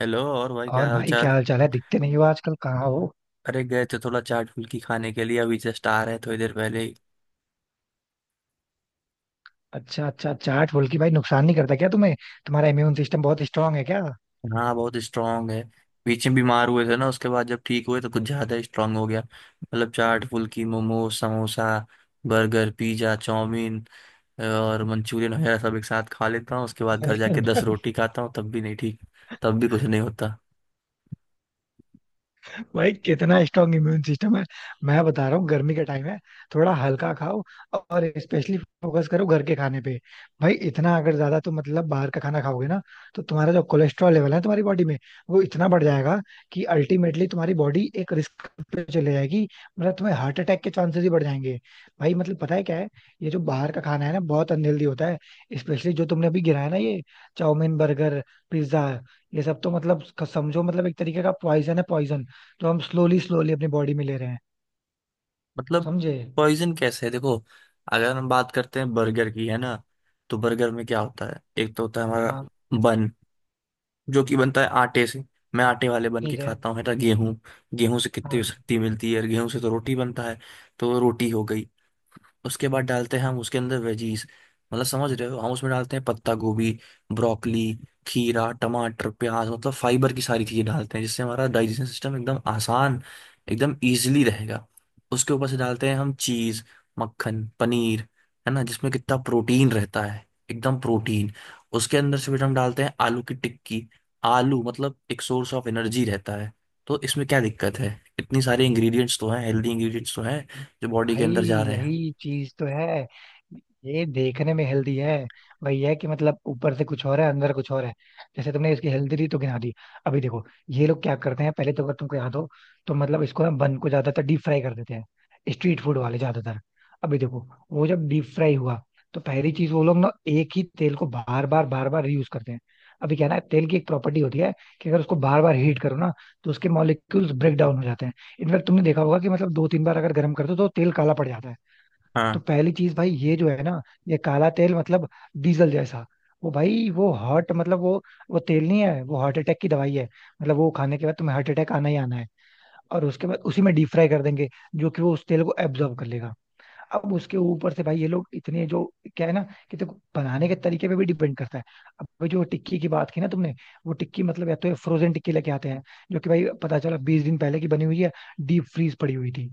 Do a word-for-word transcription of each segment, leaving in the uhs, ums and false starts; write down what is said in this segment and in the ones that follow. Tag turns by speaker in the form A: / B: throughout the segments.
A: Hello, और भाई
B: और
A: क्या हाल
B: भाई क्या
A: चाल।
B: हाल चाल है? दिखते नहीं हो आजकल, कहाँ हो?
A: अरे, गए थे थोड़ा चाट फुल्की खाने के लिए, अभी जस्ट आ रहे थोड़ी देर पहले ही।
B: अच्छा अच्छा, चाट बोल के भाई नुकसान नहीं करता क्या तुम्हें? तुम्हारा इम्यून सिस्टम बहुत स्ट्रांग है क्या?
A: हाँ, बहुत स्ट्रांग है। बीच में बीमार हुए थे ना, उसके बाद जब ठीक हुए तो कुछ ज्यादा स्ट्रांग हो गया। मतलब चाट phulki momos samosa burger pizza chowmein और मंचूरियन वगैरह सब एक साथ खा लेता हूँ, उसके बाद घर
B: अरे,
A: जाके दस रोटी खाता हूँ तब भी नहीं ठीक। तब भी कुछ नहीं होता।
B: भाई कितना स्ट्रांग इम्यून सिस्टम है। मैं बता रहा हूँ, गर्मी का टाइम है, थोड़ा हल्का खाओ। और स्पेशली फोकस करो घर के खाने पे। भाई इतना अगर ज्यादा तुम मतलब बाहर का खाना खाओगे ना, तो तुम्हारा जो कोलेस्ट्रॉल लेवल है तुम्हारी बॉडी में, वो इतना बढ़ जाएगा कि अल्टीमेटली तुम्हारी बॉडी एक रिस्क पे चले जाएगी। मतलब तुम्हें हार्ट अटैक के चांसेस ही बढ़ जाएंगे। भाई मतलब पता है क्या है, ये जो बाहर का खाना है ना बहुत अनहेल्दी होता है। स्पेशली जो तुमने अभी गिराया ना, ये चाउमीन, बर्गर, पिज्जा, ये सब तो मतलब समझो मतलब एक तरीके का पॉइजन है। पॉइजन तो हम स्लोली स्लोली अपनी बॉडी में ले रहे हैं।
A: मतलब
B: समझे?
A: पॉइजन कैसे है, देखो? अगर हम बात करते हैं बर्गर की, है ना, तो बर्गर में क्या होता है? एक तो होता है हमारा
B: हाँ
A: बन, जो कि बनता है आटे से। मैं आटे वाले बन के
B: ठीक है।
A: खाता हूँ, है ना। गेहूँ, गेहूँ से
B: हाँ
A: कितनी शक्ति मिलती है, और गेहूँ से तो रोटी बनता है। तो रोटी हो गई। उसके बाद डालते हैं हम उसके अंदर वेजीज, मतलब समझ रहे हो, हम उसमें डालते हैं पत्ता गोभी, ब्रोकली, खीरा, टमाटर, प्याज, मतलब फाइबर की सारी चीजें डालते हैं, जिससे हमारा डाइजेशन सिस्टम एकदम आसान, एकदम इजीली रहेगा। उसके ऊपर से डालते हैं हम चीज, मक्खन, पनीर, है ना, जिसमें कितना प्रोटीन रहता है, एकदम प्रोटीन। उसके अंदर से फिर हम डालते हैं आलू की टिक्की। आलू मतलब एक सोर्स ऑफ एनर्जी रहता है। तो इसमें क्या दिक्कत है? इतनी सारे इंग्रेडिएंट्स तो हैं, हेल्दी इंग्रेडिएंट्स तो हैं, जो बॉडी के
B: भाई,
A: अंदर जा रहे हैं।
B: यही चीज तो है। ये देखने में हेल्दी है, वही है कि मतलब ऊपर से कुछ और है अंदर कुछ और है। जैसे तुमने इसकी हेल्दी तो गिना दी, अभी देखो ये लोग क्या करते हैं। पहले तो अगर तुमको याद हो तो मतलब इसको ना, बन को ज्यादातर डीप फ्राई कर देते हैं, स्ट्रीट फूड वाले ज्यादातर। अभी देखो वो जब डीप फ्राई हुआ, तो पहली चीज वो लोग ना एक ही तेल को बार बार बार बार रीयूज करते हैं। अभी क्या है ना, तेल की एक प्रॉपर्टी होती है कि अगर उसको बार बार हीट करो ना, तो उसके मॉलिक्यूल्स ब्रेक डाउन हो जाते हैं। इनफैक्ट तुमने देखा होगा कि मतलब दो तीन बार अगर गर्म कर दो तो तेल काला पड़ जाता है। तो
A: हाँ।
B: पहली चीज भाई ये जो है ना, ये काला तेल मतलब डीजल जैसा, वो भाई वो हार्ट मतलब वो वो तेल नहीं है, वो हार्ट अटैक की दवाई है। मतलब वो खाने के बाद तुम्हें हार्ट अटैक आना ही आना है। और उसके बाद उसी में डीप फ्राई कर देंगे, जो कि वो उस तेल को एब्जॉर्ब कर लेगा। अब उसके ऊपर से भाई ये लोग इतने जो, क्या है ना, कि देखो बनाने के तरीके पे भी डिपेंड करता है। अब भाई जो टिक्की की बात की ना तुमने, वो टिक्की मतलब या तो फ्रोजन टिक्की लेके आते हैं, जो कि भाई पता चला बीस दिन पहले की बनी हुई है, डीप फ्रीज पड़ी हुई थी।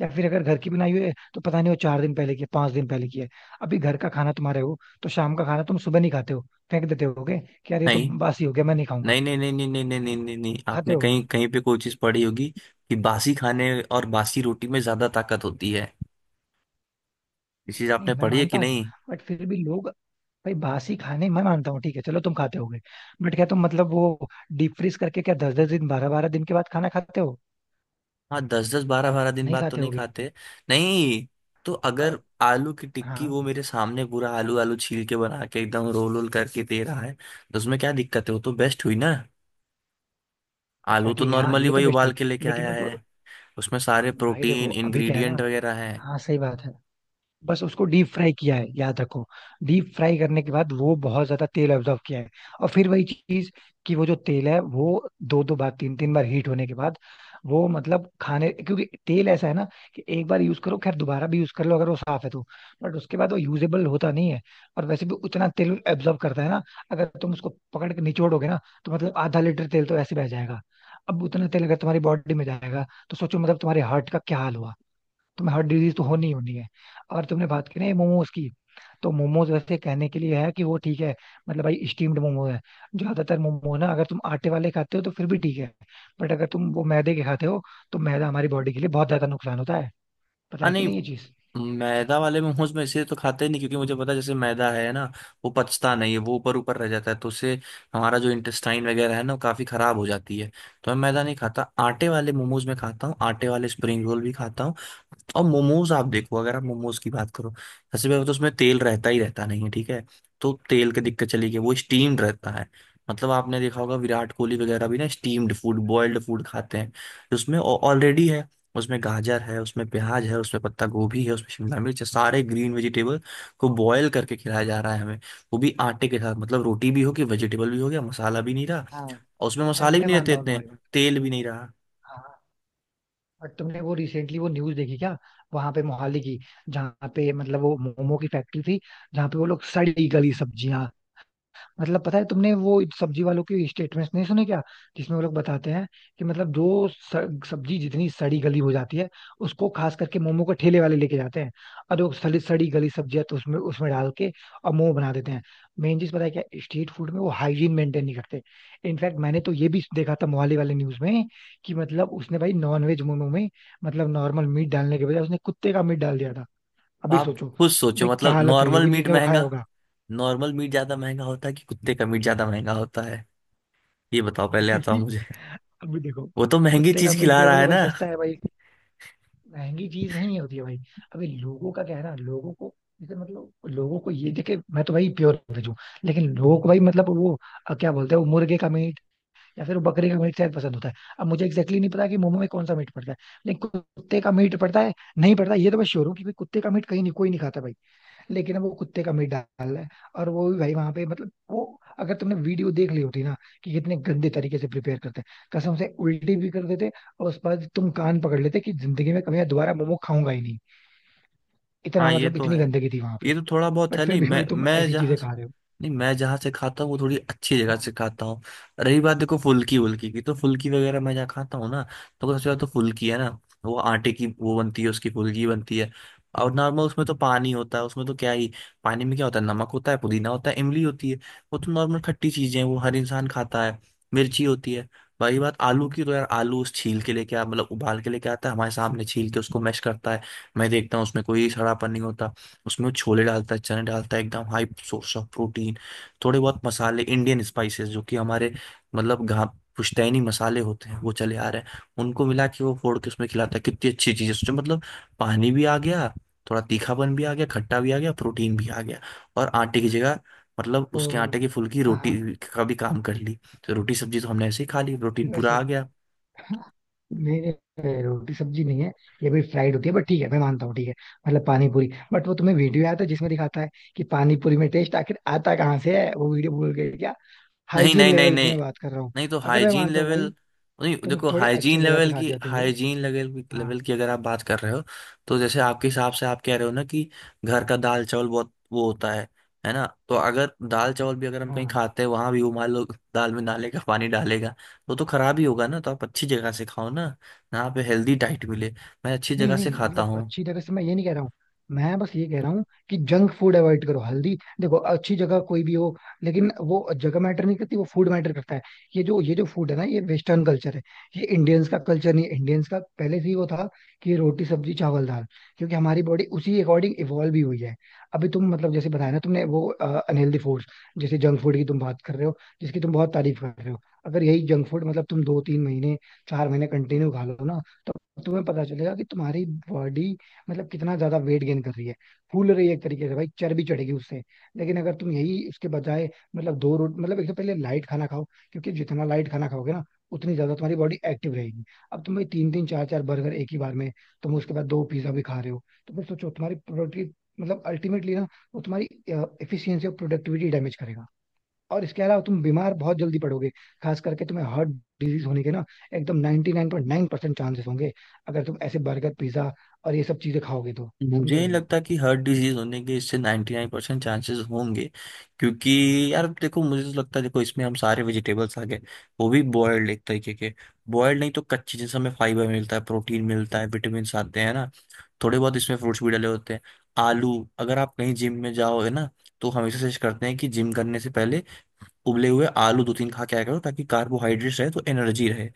B: या फिर अगर घर की बनाई हुई है तो पता नहीं वो चार दिन पहले की है, पांच दिन पहले की है। अभी घर का खाना तुम्हारे हो, तो शाम का खाना तुम सुबह नहीं खाते हो, फेंक देते होगे कि यार ये तो
A: नहीं
B: बासी हो गया, मैं नहीं खाऊंगा।
A: नहीं नहीं नहीं नहीं नहीं नहीं नहीं नहीं नहीं,
B: खाते
A: आपने
B: हो?
A: कहीं कहीं पे कोई चीज पढ़ी होगी कि बासी खाने और बासी रोटी में ज्यादा ताकत होती है। ये चीज
B: नहीं,
A: आपने
B: मैं
A: पढ़ी है
B: मानता
A: कि
B: हूँ,
A: नहीं?
B: बट फिर भी लोग, भाई बासी खाने मैं मानता हूँ, ठीक है चलो तुम खाते होगे। बट क्या तुम मतलब वो डीप फ्रीज करके क्या दस दस दिन, बारह बारह दिन के बाद खाना खाते हो?
A: हाँ, दस दस बारह बारह दिन
B: नहीं
A: बाद तो
B: खाते
A: नहीं
B: होगे।
A: खाते। नहीं। तो अगर
B: और
A: आलू की टिक्की,
B: हाँ,
A: वो मेरे सामने पूरा आलू आलू छील के बना के एकदम रोल रोल करके दे रहा है, तो उसमें क्या दिक्कत है? वो तो बेस्ट हुई ना।
B: अच्छा
A: आलू तो
B: ठीक है, हाँ,
A: नॉर्मली
B: ये तो
A: वही
B: बेस्ट हुई।
A: उबाल के लेके
B: लेकिन
A: आया
B: वो
A: है,
B: तो,
A: उसमें सारे
B: भाई देखो
A: प्रोटीन
B: अभी क्या है
A: इंग्रेडिएंट
B: ना,
A: वगैरह है।
B: हाँ सही बात है। बस उसको डीप फ्राई किया है, याद रखो। डीप फ्राई करने के बाद वो बहुत ज्यादा तेल अब्जॉर्ब किया है। और फिर वही चीज, कि वो जो तेल है, वो दो दो बार तीन तीन बार हीट होने के बाद, वो मतलब खाने, क्योंकि तेल ऐसा है ना, कि एक बार यूज करो, खैर दोबारा भी यूज कर लो अगर वो साफ है तो, बट उसके बाद वो यूजेबल होता नहीं है। और वैसे भी उतना तेल एब्जॉर्ब करता है ना, अगर तुम उसको पकड़ के निचोड़ोगे ना, तो मतलब आधा लीटर तेल तो ऐसे बह जाएगा। अब उतना तेल अगर तुम्हारी बॉडी में जाएगा तो सोचो मतलब तुम्हारे हार्ट का क्या हाल होगा। तुम्हें हार्ट डिजीज तो होनी ही होनी है। और तुमने बात की ना मोमोज की, तो मोमोज वैसे कहने के लिए है कि वो ठीक है, मतलब भाई स्टीम्ड मोमो है। ज्यादातर मोमो ना अगर तुम आटे वाले खाते हो तो फिर भी ठीक है, बट अगर तुम वो मैदे के खाते हो, तो मैदा हमारी बॉडी के लिए बहुत ज्यादा नुकसान होता है। पता
A: हाँ,
B: है कि
A: नहीं।
B: नहीं ये चीज?
A: मैदा वाले मोमोज में इसे तो खाते ही नहीं, क्योंकि मुझे पता है, जैसे मैदा है ना, वो पचता नहीं है, वो ऊपर ऊपर रह जाता है, तो उससे हमारा जो इंटेस्टाइन वगैरह है ना, वो काफी खराब हो जाती है। तो मैं मैदा नहीं खाता, आटे वाले मोमोज में खाता हूँ, आटे वाले स्प्रिंग रोल भी खाता हूँ। और मोमोज, आप देखो, अगर आप मोमोज की बात करो, सबसे पहले तो उसमें तेल रहता ही रहता नहीं है, ठीक है। तो तेल की दिक्कत चली गई, वो स्टीम्ड रहता है। मतलब आपने देखा होगा, विराट कोहली वगैरह भी ना स्टीम्ड फूड, बॉइल्ड फूड खाते हैं। उसमें ऑलरेडी है, उसमें गाजर है, उसमें प्याज है, उसमें पत्ता गोभी है, उसमें शिमला मिर्च है, सारे ग्रीन वेजिटेबल को बॉयल करके खिलाया जा रहा है हमें, वो भी आटे के साथ। मतलब रोटी भी होगी, वेजिटेबल भी हो गया, मसाला भी नहीं रहा।
B: हाँ,
A: और उसमें
B: मैं
A: मसाले भी
B: मैं
A: नहीं रहते
B: मानता हूँ
A: इतने,
B: तुम्हारी बात।
A: तेल भी नहीं रहा।
B: हाँ, और तुमने वो रिसेंटली वो न्यूज देखी क्या, वहां पे मोहाली की, जहाँ पे मतलब वो मोमो की फैक्ट्री थी, जहाँ पे वो लोग सड़ी गली सब्जियां, मतलब पता है तुमने वो सब्जी वालों की स्टेटमेंट्स नहीं सुने क्या, जिसमें वो लोग बताते हैं कि मतलब जो स- सब्जी जितनी सड़ी गली हो जाती है, उसको खास करके मोमो के ठेले वाले लेके जाते हैं। और वो सड़ी सड़ी गली सब्जियां तो उसमें उसमें डाल के और मोमो बना देते हैं। मेन चीज पता है क्या, स्ट्रीट फूड में वो हाइजीन मेंटेन नहीं करते। इनफैक्ट मैंने तो ये भी देखा था मोहाली वाले न्यूज में, कि मतलब उसने भाई नॉनवेज मोमो में मतलब नॉर्मल मीट डालने के बजाय उसने कुत्ते का मीट डाल दिया था।
A: तो
B: अभी
A: आप
B: सोचो,
A: खुद
B: भाई
A: सोचो,
B: क्या
A: मतलब
B: हालत हुई
A: नॉर्मल
B: होगी
A: मीट
B: जिसने वो खाया
A: महंगा,
B: होगा।
A: नॉर्मल मीट ज्यादा महंगा होता है कि कुत्ते का मीट ज्यादा महंगा होता है, ये बताओ पहले आता हूँ
B: भाई
A: मुझे।
B: अभी देखो,
A: वो तो महंगी
B: कुत्ते का
A: चीज
B: मीट
A: खिला
B: क्या है, वो
A: रहा
B: तो
A: है
B: भाई
A: ना।
B: सस्ता है भाई, महंगी चीज नहीं होती है भाई। अभी लोगों का क्या है ना, लोगों को, जैसे मतलब लोगों को ये देखे, मैं तो भाई प्योर वेज हूँ, लेकिन लोगों को भाई मतलब वो अ, क्या बोलते हैं, वो मुर्गे का मीट या फिर वो बकरे का मीट शायद पसंद होता है। अब मुझे एग्जैक्टली नहीं पता कि मोमो में कौन सा मीट पड़ता है, लेकिन कुत्ते का मीट पड़ता है नहीं पड़ता ये तो मैं श्योर हूँ कि भाई कुत्ते का मीट कहीं नहीं, कोई नहीं खाता भाई। लेकिन वो कुत्ते का मीट डाल रहा है। और वो भी भाई वहां पे मतलब वो, अगर तुमने वीडियो देख ली होती ना कि कितने गंदे तरीके से प्रिपेयर करते हैं, कसम से उल्टी भी कर देते। और उसके बाद तुम कान पकड़ लेते कि जिंदगी में कभी मैं दोबारा मोमो खाऊंगा ही नहीं, इतना
A: हाँ, ये
B: मतलब
A: तो
B: इतनी
A: है,
B: गंदगी थी वहां पे।
A: ये तो थोड़ा बहुत
B: बट
A: है।
B: फिर
A: नहीं,
B: भी
A: मैं
B: भाई तुम
A: मैं
B: ऐसी
A: जहाँ,
B: चीजें खा रहे हो।
A: नहीं, मैं जहाँ से खाता हूँ वो थोड़ी अच्छी जगह
B: हाँ,
A: से खाता हूँ। रही बात, देखो, फुल्की वुल्की की, तो फुल्की वगैरह मैं जहाँ खाता हूँ ना, तो अगर सबसे ज्यादा तो फुल्की है ना, वो आटे की वो बनती है, उसकी फुल्की बनती है। और नॉर्मल उसमें तो पानी होता है, उसमें तो क्या ही। पानी में क्या होता है? नमक होता है, पुदीना होता है, इमली होती है, वो तो नॉर्मल खट्टी चीजें हैं, वो हर इंसान खाता है। मिर्ची होती है। बाकी बात आलू
B: हाँ,
A: की, तो यार आलू उस छील के लेके आ, मतलब उबाल के लेके आता है हमारे सामने, छील के उसको मैश करता है। मैं देखता हूँ उसमें कोई सड़ापन नहीं होता। उसमें वो छोले डालता है, चने डालता है, एकदम हाई सोर्स ऑफ प्रोटीन, थोड़े बहुत मसाले, इंडियन स्पाइसेस, जो कि हमारे, मतलब घा पुश्तैनी मसाले होते हैं, वो चले आ रहे हैं, उनको मिला के वो फोड़ के उसमें खिलाता है। कितनी अच्छी चीज़ है उसमें। मतलब पानी भी आ गया, थोड़ा तीखापन भी आ गया, खट्टा भी आ गया, प्रोटीन भी आ गया, और आटे की जगह, मतलब
B: तो
A: उसके आटे की फुल्की
B: हाँ,
A: रोटी
B: हाँ।
A: का भी काम कर ली। तो रोटी सब्जी तो हमने ऐसे ही खा ली, प्रोटीन
B: वैसे,
A: पूरा आ गया।
B: हाँ, मेरे, रोटी सब्जी नहीं है, ये भी फ्राइड होती है, बट ठीक है मैं मानता हूँ, ठीक है, मतलब पानी पूरी। बट वो तुम्हें वीडियो आया था जिसमें दिखाता है कि पानी पूरी में टेस्ट आखिर आता कहाँ से है, वो वीडियो भूल गए क्या?
A: नहीं
B: हाइजीन
A: नहीं नहीं
B: लेवल की
A: नहीं
B: मैं बात कर रहा हूँ।
A: नहीं, तो
B: अगर मैं
A: हाइजीन
B: मानता हूँ
A: लेवल,
B: भाई,
A: नहीं
B: तुम
A: देखो,
B: थोड़े अच्छे
A: हाइजीन
B: जगह पे
A: लेवल
B: खा
A: की
B: जाते हो।
A: हाइजीन लेवल की
B: हाँ
A: लेवल की अगर आप बात कर रहे हो, तो जैसे आपके हिसाब से आप कह रहे हो ना कि घर का दाल चावल बहुत वो होता है है ना। तो अगर दाल चावल भी अगर हम कहीं
B: हाँ,
A: खाते हैं, वहां भी वो, मान लो दाल में नाले का पानी डालेगा, वो तो खराब ही होगा ना। तो आप अच्छी जगह से खाओ ना, यहाँ पे हेल्दी डाइट मिले। मैं अच्छी
B: नहीं
A: जगह से
B: नहीं,
A: खाता
B: मतलब
A: हूँ।
B: अच्छी जगह से मैं ये नहीं कह रहा हूँ। मैं बस ये कह रहा हूँ कि जंक फूड अवॉइड करो, हल्दी। देखो अच्छी जगह कोई भी हो, लेकिन वो जगह मैटर नहीं करती, वो फूड मैटर करता है। ये जो ये जो फूड है ना, ये वेस्टर्न कल्चर है, ये इंडियंस का कल्चर नहीं है। इंडियंस का पहले से ही वो था कि रोटी सब्जी चावल दाल, क्योंकि हमारी बॉडी उसी अकॉर्डिंग इवॉल्व भी हुई है। अभी तुम मतलब जैसे बताया ना तुमने वो अनहेल्दी फूड्स, जैसे जंक फूड की तुम बात कर रहे हो, जिसकी तुम बहुत तारीफ कर रहे हो, अगर यही जंक फूड मतलब तुम दो तीन महीने, चार महीने कंटिन्यू खा लो ना, तो तो तुम्हें पता चलेगा कि तुम्हारी बॉडी मतलब कितना ज्यादा वेट गेन कर रही है, फूल रही है एक तरीके से, भाई चर्बी चढ़ेगी उससे। लेकिन अगर तुम यही इसके बजाय, मतलब दो रोट मतलब एक तो पहले लाइट खाना खाओ, क्योंकि जितना लाइट खाना खाओगे ना, उतनी ज्यादा तुम्हारी बॉडी एक्टिव रहेगी। अब तुम भाई तीन तीन चार चार बर्गर एक ही बार में, तुम उसके बाद दो पिज्जा भी खा रहे हो, तो फिर सोचो तुम्हारी प्रोडक्टिव मतलब अल्टीमेटली ना, वो तुम्हारी एफिशिएंसी और प्रोडक्टिविटी डैमेज करेगा। और इसके अलावा तुम बीमार बहुत जल्दी पड़ोगे। खास करके तुम्हें हार्ट डिजीज होने के ना एकदम ninety nine point nine percent chances होंगे, अगर तुम ऐसे बर्गर पिज्जा और ये सब चीजें खाओगे तो।
A: मुझे
B: समझे
A: नहीं
B: भाई,
A: लगता कि हर डिजीज होने के इससे निन्यानवे परसेंट चांसेस होंगे। क्योंकि यार देखो, मुझे तो लगता है, देखो इसमें हम सारे वेजिटेबल्स आ गए, वो भी बॉयल्ड एक तरीके के, बॉयल्ड नहीं तो कच्चे, जैसे हमें फाइबर मिलता है, प्रोटीन मिलता है, विटामिन आते हैं ना। थोड़े बहुत इसमें फ्रूट्स भी डले होते हैं। आलू, अगर आप कहीं जिम में जाओ है ना, तो हमेशा सजेस्ट करते हैं कि जिम करने से पहले उबले हुए आलू दो तीन खा के आया करो, ताकि कार्बोहाइड्रेट्स रहे तो एनर्जी रहे,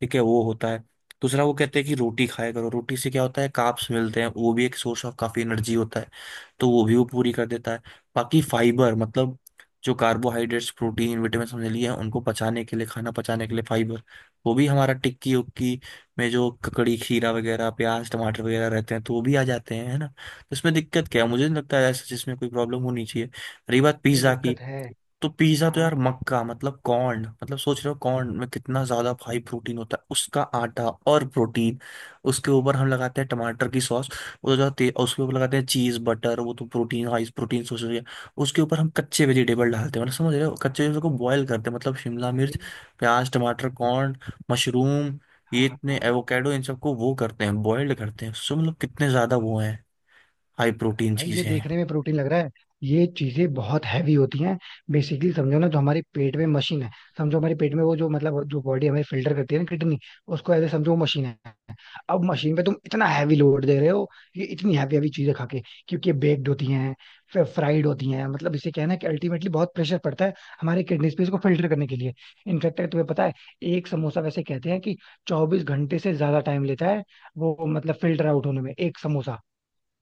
A: ठीक है, वो होता है। दूसरा वो कहते हैं कि रोटी खाया करो, रोटी से क्या होता है, कार्ब्स मिलते हैं, वो भी एक सोर्स ऑफ काफी एनर्जी होता है, तो वो भी वो पूरी कर देता है। बाकी फाइबर, मतलब जो कार्बोहाइड्रेट्स प्रोटीन विटामिन समझ लिए हैं, उनको पचाने के लिए, खाना पचाने के लिए फाइबर, वो भी हमारा टिक्की उक्की में जो ककड़ी खीरा वगैरह प्याज टमाटर वगैरह रहते हैं, तो वो भी आ जाते हैं, है ना। तो इसमें दिक्कत क्या है? मुझे नहीं लगता है ऐसा जिसमें कोई प्रॉब्लम होनी चाहिए। रही बात
B: ये
A: पिज्ज़ा की,
B: दिक्कत है।
A: तो पिज्जा तो
B: हाँ
A: यार मक्का, मतलब कॉर्न, मतलब सोच रहे हो कॉर्न में कितना ज्यादा हाई प्रोटीन होता है, उसका आटा और प्रोटीन। उसके ऊपर हम लगाते हैं टमाटर की सॉस, वो जाते हैं, उसके ऊपर लगाते हैं चीज बटर, वो तो प्रोटीन, हाई प्रोटीन, सोच रही है। उसके ऊपर हम कच्चे वेजिटेबल डालते हैं, मतलब समझ रहे हो कच्चे वेजिटेबल को बॉयल करते हैं, मतलब शिमला मिर्च,
B: भाई,
A: प्याज, टमाटर, कॉर्न, मशरूम,
B: हाँ
A: ये इतने
B: हाँ।
A: एवोकेडो, इन सबको वो करते हैं बॉयल्ड करते हैं, सो मतलब कितने ज्यादा वो हैं, हाई प्रोटीन
B: भाई ये
A: चीजें हैं।
B: देखने में प्रोटीन लग रहा है, ये चीजें बहुत हैवी होती हैं। बेसिकली समझो ना, जो हमारे पेट में मशीन है, समझो हमारे पेट में वो जो मतलब जो बॉडी हमें फिल्टर करती है ना, किडनी, उसको ऐसे समझो वो मशीन है। अब मशीन पे तुम इतना हैवी लोड दे रहे हो, ये इतनी हैवी हैवी चीजें खा के, क्योंकि ये बेक्ड होती हैं, फिर फ्राइड होती हैं, मतलब इसे कहना है कि अल्टीमेटली बहुत प्रेशर पड़ता है हमारे किडनीज पे इसको फिल्टर करने के लिए। इनफैक्ट अगर तुम्हें पता है, एक समोसा वैसे कहते हैं कि चौबीस घंटे से ज्यादा टाइम लेता है, वो मतलब फिल्टर आउट होने में, एक समोसा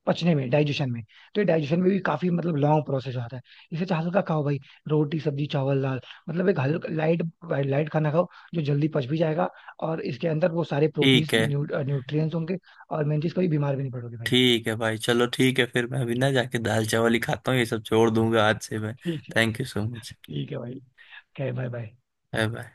B: पचने में, डाइजेशन में। तो ये डाइजेशन में भी काफी मतलब लॉन्ग प्रोसेस होता है। इसे तो हल्का खाओ भाई, रोटी सब्जी चावल दाल, मतलब एक हल्का लाइट, लाइट खाना खाओ, जो जल्दी पच भी जाएगा, और इसके अंदर वो सारे प्रोटीन
A: ठीक है।
B: न्यू, न्यूट्रिएंट्स होंगे। और मेन चीज कभी बीमार भी नहीं पड़ोगे भाई।
A: ठीक है भाई, चलो ठीक है, फिर मैं अभी ना जाके दाल चावल ही खाता हूँ, ये सब छोड़ दूंगा आज से मैं।
B: ठीक है।
A: Thank you so much.
B: ठीक है भाई, क्या, बाय बाय।
A: Bye bye.